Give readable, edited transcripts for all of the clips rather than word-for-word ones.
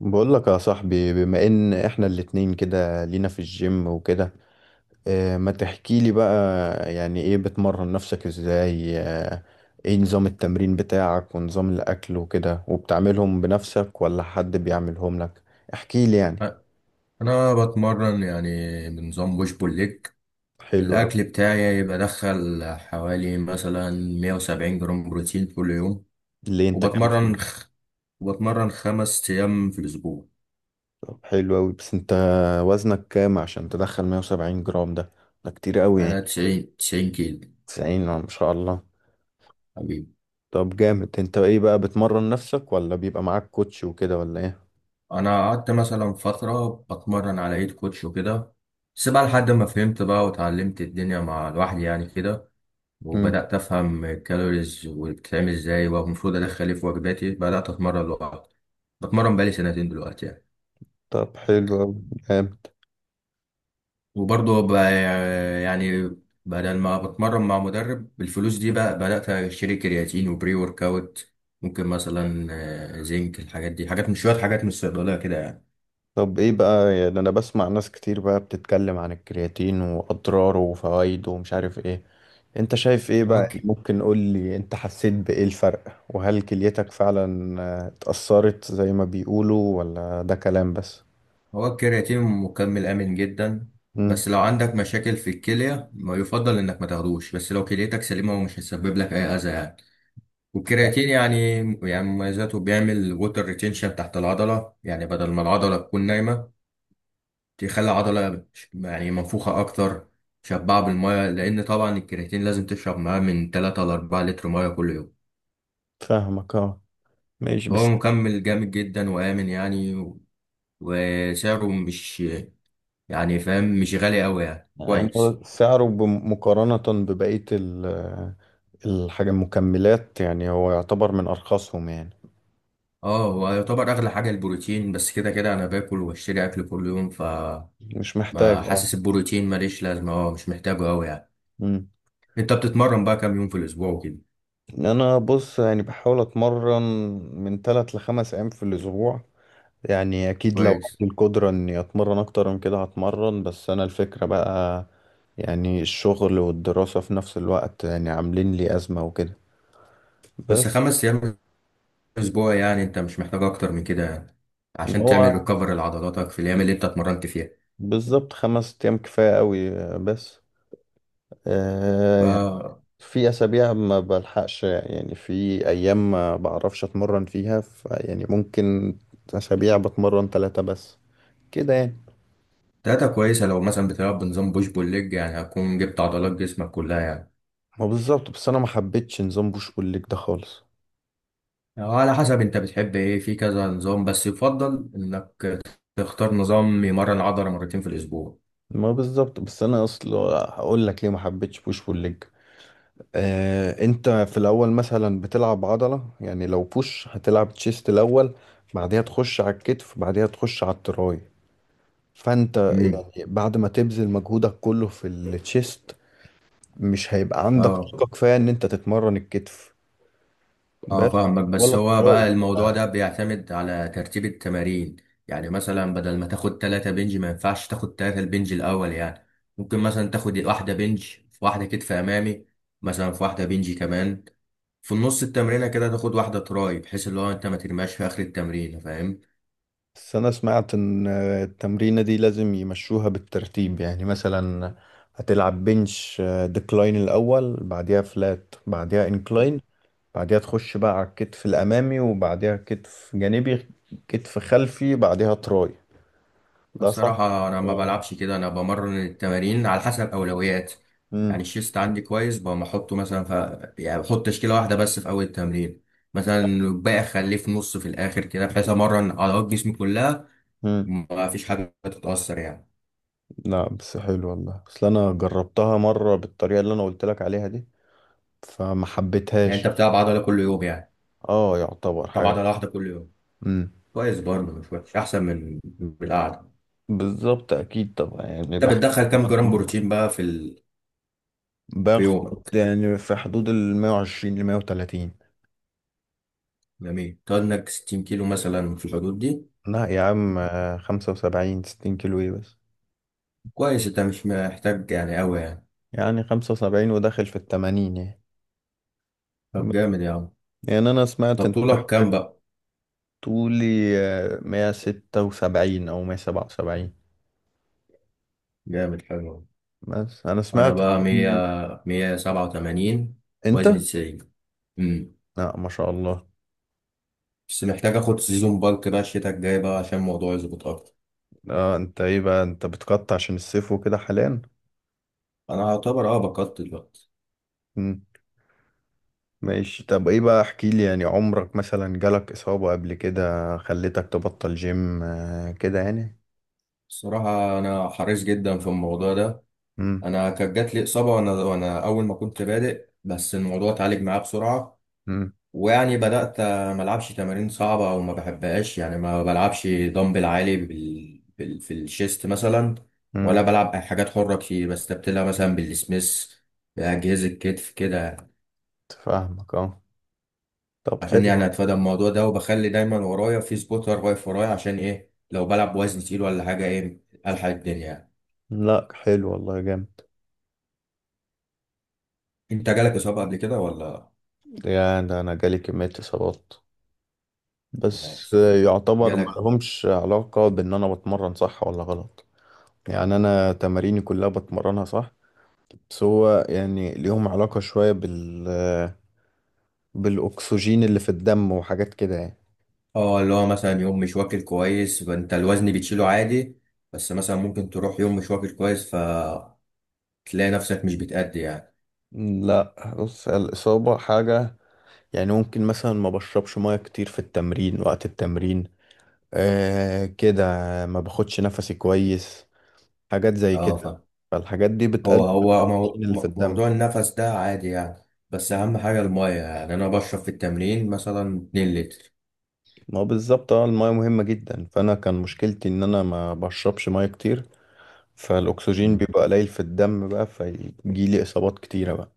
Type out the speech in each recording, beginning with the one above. بقول لك يا صاحبي، بما ان احنا الاتنين كده لينا في الجيم وكده. اه، ما تحكي لي بقى. يعني ايه بتمرن نفسك ازاي اه؟ ايه نظام التمرين بتاعك ونظام الاكل وكده، وبتعملهم بنفسك ولا حد بيعملهم لك؟ احكي لي يعني. انا بتمرن يعني بنظام بوش بول ليج. حلو قوي. الاكل بتاعي بدخل حوالي مثلا 170 جرام بروتين كل يوم. اللي انت كان فيه. وبتمرن خ... وبتمرن خمس ايام في الاسبوع. طب حلو قوي، بس انت وزنك كام عشان تدخل 170 جرام ده كتير قوي انا يعني. 90 كيلو 90 ما شاء الله. حبيبي. طب جامد. انت ايه بقى، بتمرن نفسك ولا بيبقى معاك كوتش وكده ولا انا قعدت مثلا فتره بتمرن على ايد كوتش وكده، بس بقى لحد ما فهمت بقى وتعلمت الدنيا مع لوحدي يعني كده. ايه؟ وبدأت أفهم الكالوريز وبتتعمل إزاي والمفروض أدخل إيه في وجباتي، بدأت أتمرن لوحدي. بتمرن بقالي سنتين دلوقتي يعني. طب حلو أوي. جامد. وبرضه ب- يعني بدل ما بتمرن مع مدرب بالفلوس دي بقى بدأت أشتري كرياتين وبري ورك أوت. ممكن مثلا زنك، الحاجات دي حاجات من شوية، حاجات من الصيدلية كده يعني. طب ايه بقى، يعني انا بسمع ناس كتير بقى بتتكلم عن الكرياتين واضراره وفوائده ومش عارف ايه. انت شايف ايه هو بقى؟ يعني الك- ممكن قول لي انت حسيت بايه الفرق، وهل كليتك فعلا آه، اتأثرت زي ما بيقولوا ولا ده كلام بس؟ هو الكرياتين مكمل آمن جدا، امم. بس لو عندك مشاكل في الكلية ما يفضل إنك ما تاخدوش، بس لو كليتك سليمة ومش هيسبب لك أي أذى يعني. والكرياتين يعني مميزاته بيعمل ووتر ريتينشن تحت العضلة، يعني بدل ما العضلة تكون نايمة، تخلي العضلة يعني منفوخة أكتر، شبعة بالمية. لأن طبعا الكرياتين لازم تشرب معاه من 3 ل 4 لتر مية كل يوم. فاهمك اه. ماشي هو بس. مكمل جامد جدا وآمن يعني وسعره مش، يعني فاهم، مش غالي أوي يعني يعني كويس. هو سعره مقارنة ببقية ال- الحاجة المكملات، يعني هو يعتبر من ارخصهم يعني. اه، هو يعتبر أغلى حاجة البروتين، بس كده كده أنا باكل وبشتري أكل كل يوم، ف مش ما محتاج. حاسس البروتين ماليش لازمة، اه مش محتاجه أوي يعني. اه. أنت بتتمرن بقى كام يوم في الأسبوع وكده؟ انا بص، يعني بحاول اتمرن من ثلاث لخمس ايام في الاسبوع. يعني اكيد لو كويس. عندي القدرة اني اتمرن اكتر من كده هتمرن، بس انا الفكرة بقى، يعني الشغل والدراسة في نفس الوقت يعني عاملين لي ازمة وكده. بس. بس خمس أيام اسبوع يعني انت مش محتاج اكتر من كده يعني، ان عشان هو تعمل ريكفر لعضلاتك في الايام اللي انت اتمرنت فيها، بالظبط، خمس ايام كفاية قوي. بس ف آه يعني في اسابيع ما بلحقش، يعني في ايام ما بعرفش اتمرن فيها، ف يعني ممكن اسابيع بتمرن ثلاثة بس كده يعني. داتا كويسه. لو مثلا بتلعب بنظام بوش بول ليج يعني هتكون جبت عضلات جسمك كلها يعني. ما بالظبط، بس انا ما حبيتش نظام بوش بول ليج ده خالص. أو على حسب انت بتحب ايه في كذا نظام، بس يفضل انك تختار نظام يمرن العضله مرتين في الاسبوع. ما بالظبط، بس انا اصلا هقول لك ليه ما حبيتش بوش بول ليج. آه، انت في الاول مثلا بتلعب عضله، يعني لو بوش هتلعب تشيست الاول، بعدها تخش على الكتف، بعدها تخش على التراي. فانت امم. يعني بعد ما تبذل مجهودك كله في التشيست مش هيبقى عندك اه، طاقه كفايه ان انت تتمرن الكتف اه، بس، فاهمك، ولا بس هو التراي. بقى الموضوع ده بيعتمد على ترتيب التمارين. يعني مثلا بدل ما تاخد تلاتة بنج، ما ينفعش تاخد تلاتة البنج الأول يعني. ممكن مثلا تاخد واحدة بنج، في واحدة كتف أمامي، مثلا في واحدة بنج كمان، في النص التمرينة كده تاخد واحدة تراي، بحيث اللي هو انت ما ترماش في آخر التمرين. فاهم؟ بس أنا سمعت إن التمرينة دي لازم يمشوها بالترتيب، يعني مثلا هتلعب بنش ديكلاين الأول، بعديها فلات، بعديها انكلاين، بعديها تخش بقى على الكتف الأمامي، وبعديها كتف جانبي، كتف خلفي، بعديها تراي. ده صح؟ الصراحة أنا ما آه. بلعبش كده، أنا بمرن التمارين على حسب أولويات. مم. يعني الشيست عندي كويس، بقوم أحطه مثلا يعني بحط تشكيلة واحدة بس في أول التمرين، مثلا الباقي أخليه في نص، في الآخر كده بحيث أمرن عضلات جسمي كلها، مم. وما فيش حاجة تتأثر يعني. لا بس حلو والله، اصل انا جربتها مره بالطريقه اللي انا قلت لك عليها دي فما يعني أنت حبيتهاش. بتلعب عضلة كل يوم يعني، اه يعتبر بتلعب حاجه. عضلة واحدة كل يوم؟ امم. كويس برضه، مش وحش، أحسن من القعدة. بالظبط، اكيد طبعا. يعني أنت بحب بتدخل كام جرام بروتين بقى في في باخد يومك؟ يعني في حدود ال 120 ل 130. جميل. تقعد إنك 60 كيلو مثلا في الحدود دي؟ لا يا عم آه، 75 60 كيلو ايه بس. كويس، أنت مش محتاج يعني أوي يعني. يعني 75، وداخل في ال 80 يعني. طب جامد يا عم. يعني انا سمعت طب انت طولك محتاج. كام بقى؟ طولي آه، 176 او 177. جامد حلو. بس انا انا سمعت. بقى مية سبعة وتمانين، انت. وزني تسعين. امم. لا ما شاء الله. بس محتاج اخد سيزون، بالك بقى الشتاء الجاي بقى عشان الموضوع يظبط اكتر. اه. انت ايه بقى، انت بتقطع عشان الصيف وكده حاليا؟ انا اعتبر بقدت دلوقتي. مم. ماشي. طب ايه بقى، احكي لي يعني عمرك مثلا جالك اصابة قبل كده خلتك تبطل جيم آه، كده يعني؟ الصراحة انا حريص جدا في الموضوع ده. امم. انا كانت جات لي اصابة وانا اول ما كنت بادئ، بس الموضوع اتعالج معايا بسرعة. امم. ويعني بدأت ما ألعبش تمارين صعبة أو ما بحبهاش، يعني ما بلعبش دمبل عالي في الشيست مثلا، امم. ولا بلعب أي حاجات حرة كتير، بستبدلها مثلا بالسميث، بأجهزة كتف كده، فاهمك اه. طب عشان حلو. يعني أتفادى الموضوع ده. وبخلي دايما ورايا في سبوتر واقف ورايا، عشان إيه لو بلعب وزن تقيل ولا حاجة إيه، ألحق الدنيا يعني. لا حلو والله، جامد. أنت جالك إصابة قبل كده ولا؟ يا ده انا جالي كمية اصابات، بس ولا يعتبر ما جالك؟ لهمش علاقة بان انا بتمرن صح ولا غلط. يعني انا تماريني كلها بتمرنها صح، بس هو يعني ليهم علاقة شوية بالاكسجين اللي في الدم وحاجات كده يعني. اه، اللي هو مثلا يوم مش واكل كويس فانت الوزن بتشيله عادي، بس مثلا ممكن تروح يوم مش واكل كويس فتلاقي نفسك مش بتأدي يعني. لا بص، الاصابة حاجة. يعني ممكن مثلا ما بشربش ميه كتير في التمرين، وقت التمرين آه كده، ما باخدش نفسي كويس، حاجات زي اه كده. فاهم. فالحاجات دي بتقلل الأكسجين اللي في الدم. موضوع النفس ده عادي يعني، بس اهم حاجة المية، يعني انا بشرب في التمرين مثلا 2 لتر. ما هو بالظبط اه، المية مهمة جدا. فأنا كان مشكلتي إن أنا ما بشربش مية كتير، فالأكسجين مم. بيبقى قليل في الدم بقى، فيجيلي إصابات كتيرة بقى.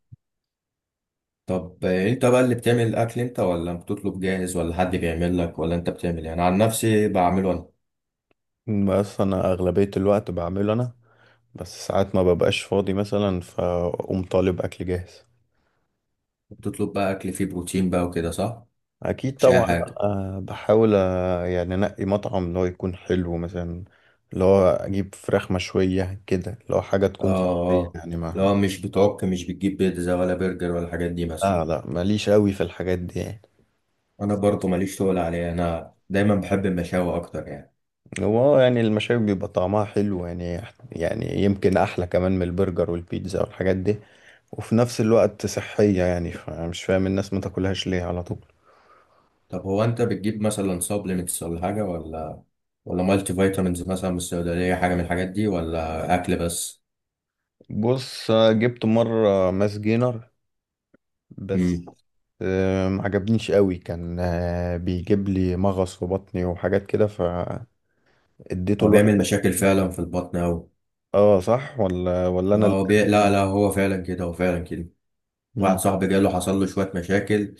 طب انت بقى اللي بتعمل الاكل انت، ولا بتطلب جاهز ولا حد بيعمل لك، ولا انت بتعمل يعني؟ عن نفسي بعمله انا. بس أنا أغلبية الوقت بعمله أنا، بس ساعات ما ببقاش فاضي مثلا فأقوم طالب أكل جاهز. بتطلب بقى اكل فيه بروتين بقى وكده، صح؟ اكيد مش اي طبعا. حاجة. لأ، أه بحاول، أه يعني انقي مطعم اللي هو يكون حلو مثلا، اللي هو اجيب فراخ مشويه كده، اللي هو حاجه اه. تكون صحيه آه. يعني، ما. لو مش بتعك، مش بتجيب بيتزا ولا برجر ولا الحاجات دي مثلا؟ لا لا، ماليش قوي في الحاجات دي يعني. انا برضو ماليش، تقول عليها انا دايما بحب المشاوي اكتر يعني. هو آه، يعني المشاوي بيبقى طعمها حلو، يعني يعني يمكن احلى كمان من البرجر والبيتزا والحاجات دي، وفي نفس الوقت صحيه يعني. فمش فاهم الناس ما تاكلهاش ليه على طول. طب هو انت بتجيب مثلا سبلمنتس ولا حاجه، ولا مالتي فيتامينز مثلا من الصيدليه، حاجه من الحاجات دي ولا اكل بس؟ بص، أه جبت مره ماس جينر، بس امم. آه ما عجبنيش قوي. كان آه، بيجيب لي مغص في بطني وحاجات كده فاديته هو لواحد. بيعمل مشاكل فعلا في البطن اوي. اه صح، ولا انا اللي لا كان. لا، هو فعلا كده، هو فعلا كده. واحد مم. صاحبي جاله، حصل له شويه مشاكل،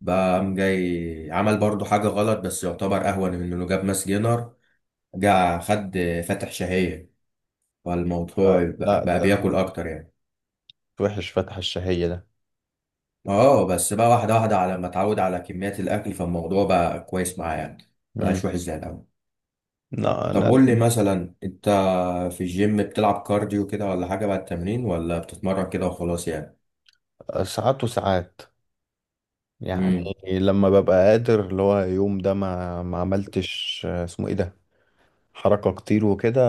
بقى قام جاي عمل برضو حاجه غلط، بس يعتبر اهون من انه جاب ماس جينر. جه خد فاتح شهية، فالموضوع آه، لا بقى ده بياكل أكتر يعني. وحش فتح الشهية ده. اه بس بقى، واحدة واحدة، على ما اتعود على كميات الأكل فالموضوع بقى كويس معاه يعني، مم. مبقاش وحش زي الأول. لا طب انا قول لي مثلا أنت، في الجيم بتلعب كارديو كده ولا حاجة بعد التمرين، ولا بتتمرن كده وخلاص يعني؟ ساعات وساعات يعني، امم. لما ببقى قادر اللي هو يوم ده ما عملتش آه، اسمه ايه ده، حركة كتير وكده،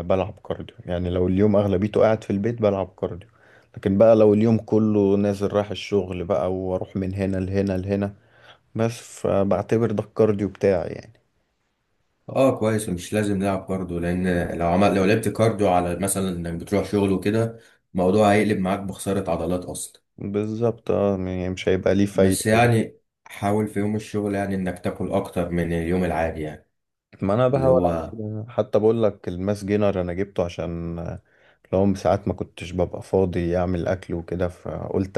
بلعب كارديو. يعني لو اليوم أغلبيته قاعد في البيت بلعب كارديو، لكن بقى لو اليوم كله نازل رايح الشغل بقى، واروح من هنا لهنا لهنا بس، فبعتبر ده الكارديو بتاعي يعني. اه كويس، مش لازم نلعب كارديو، لأن لو لعبت كارديو على مثلا إنك بتروح شغل وكده، الموضوع هيقلب معاك بخسارة عضلات أصلا. بالظبط اه، يعني مش هيبقى ليه فايدة بس أوي. يعني حاول في يوم الشغل يعني انك تاكل اكتر من اليوم العادي يعني، ما انا اللي بحاول اعمل هو كده. حتى بقول لك الماس جينر انا جبته عشان لو ساعات ما كنتش ببقى فاضي اعمل اكل وكده فقلت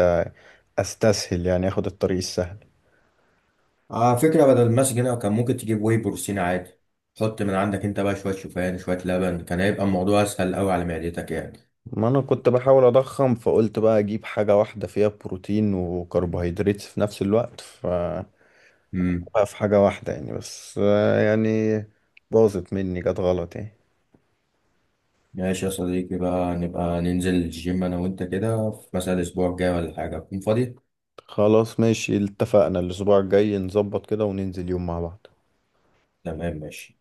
استسهل، يعني اخد الطريق السهل. على فكرة، بدل المسج هنا كان ممكن تجيب واي بروتين عادي، حط من عندك انت بقى شوية شوفان، شوية لبن، كان هيبقى الموضوع اسهل قوي على معدتك يعني. ما انا كنت بحاول اضخم، فقلت بقى اجيب حاجة واحدة فيها بروتين وكربوهيدرات في نفس الوقت، ف امم. بقى في حاجة واحدة يعني. بس آه يعني باظت مني جت غلط يعني. ماشي يا صديقي، بقى نبقى ننزل الجيم انا وانت كده في مثلا الاسبوع الجاي ولا حاجة، تكون فاضي. خلاص، ماشي، اتفقنا الاسبوع الجاي نظبط كده وننزل يوم مع بعض. تمام ماشي.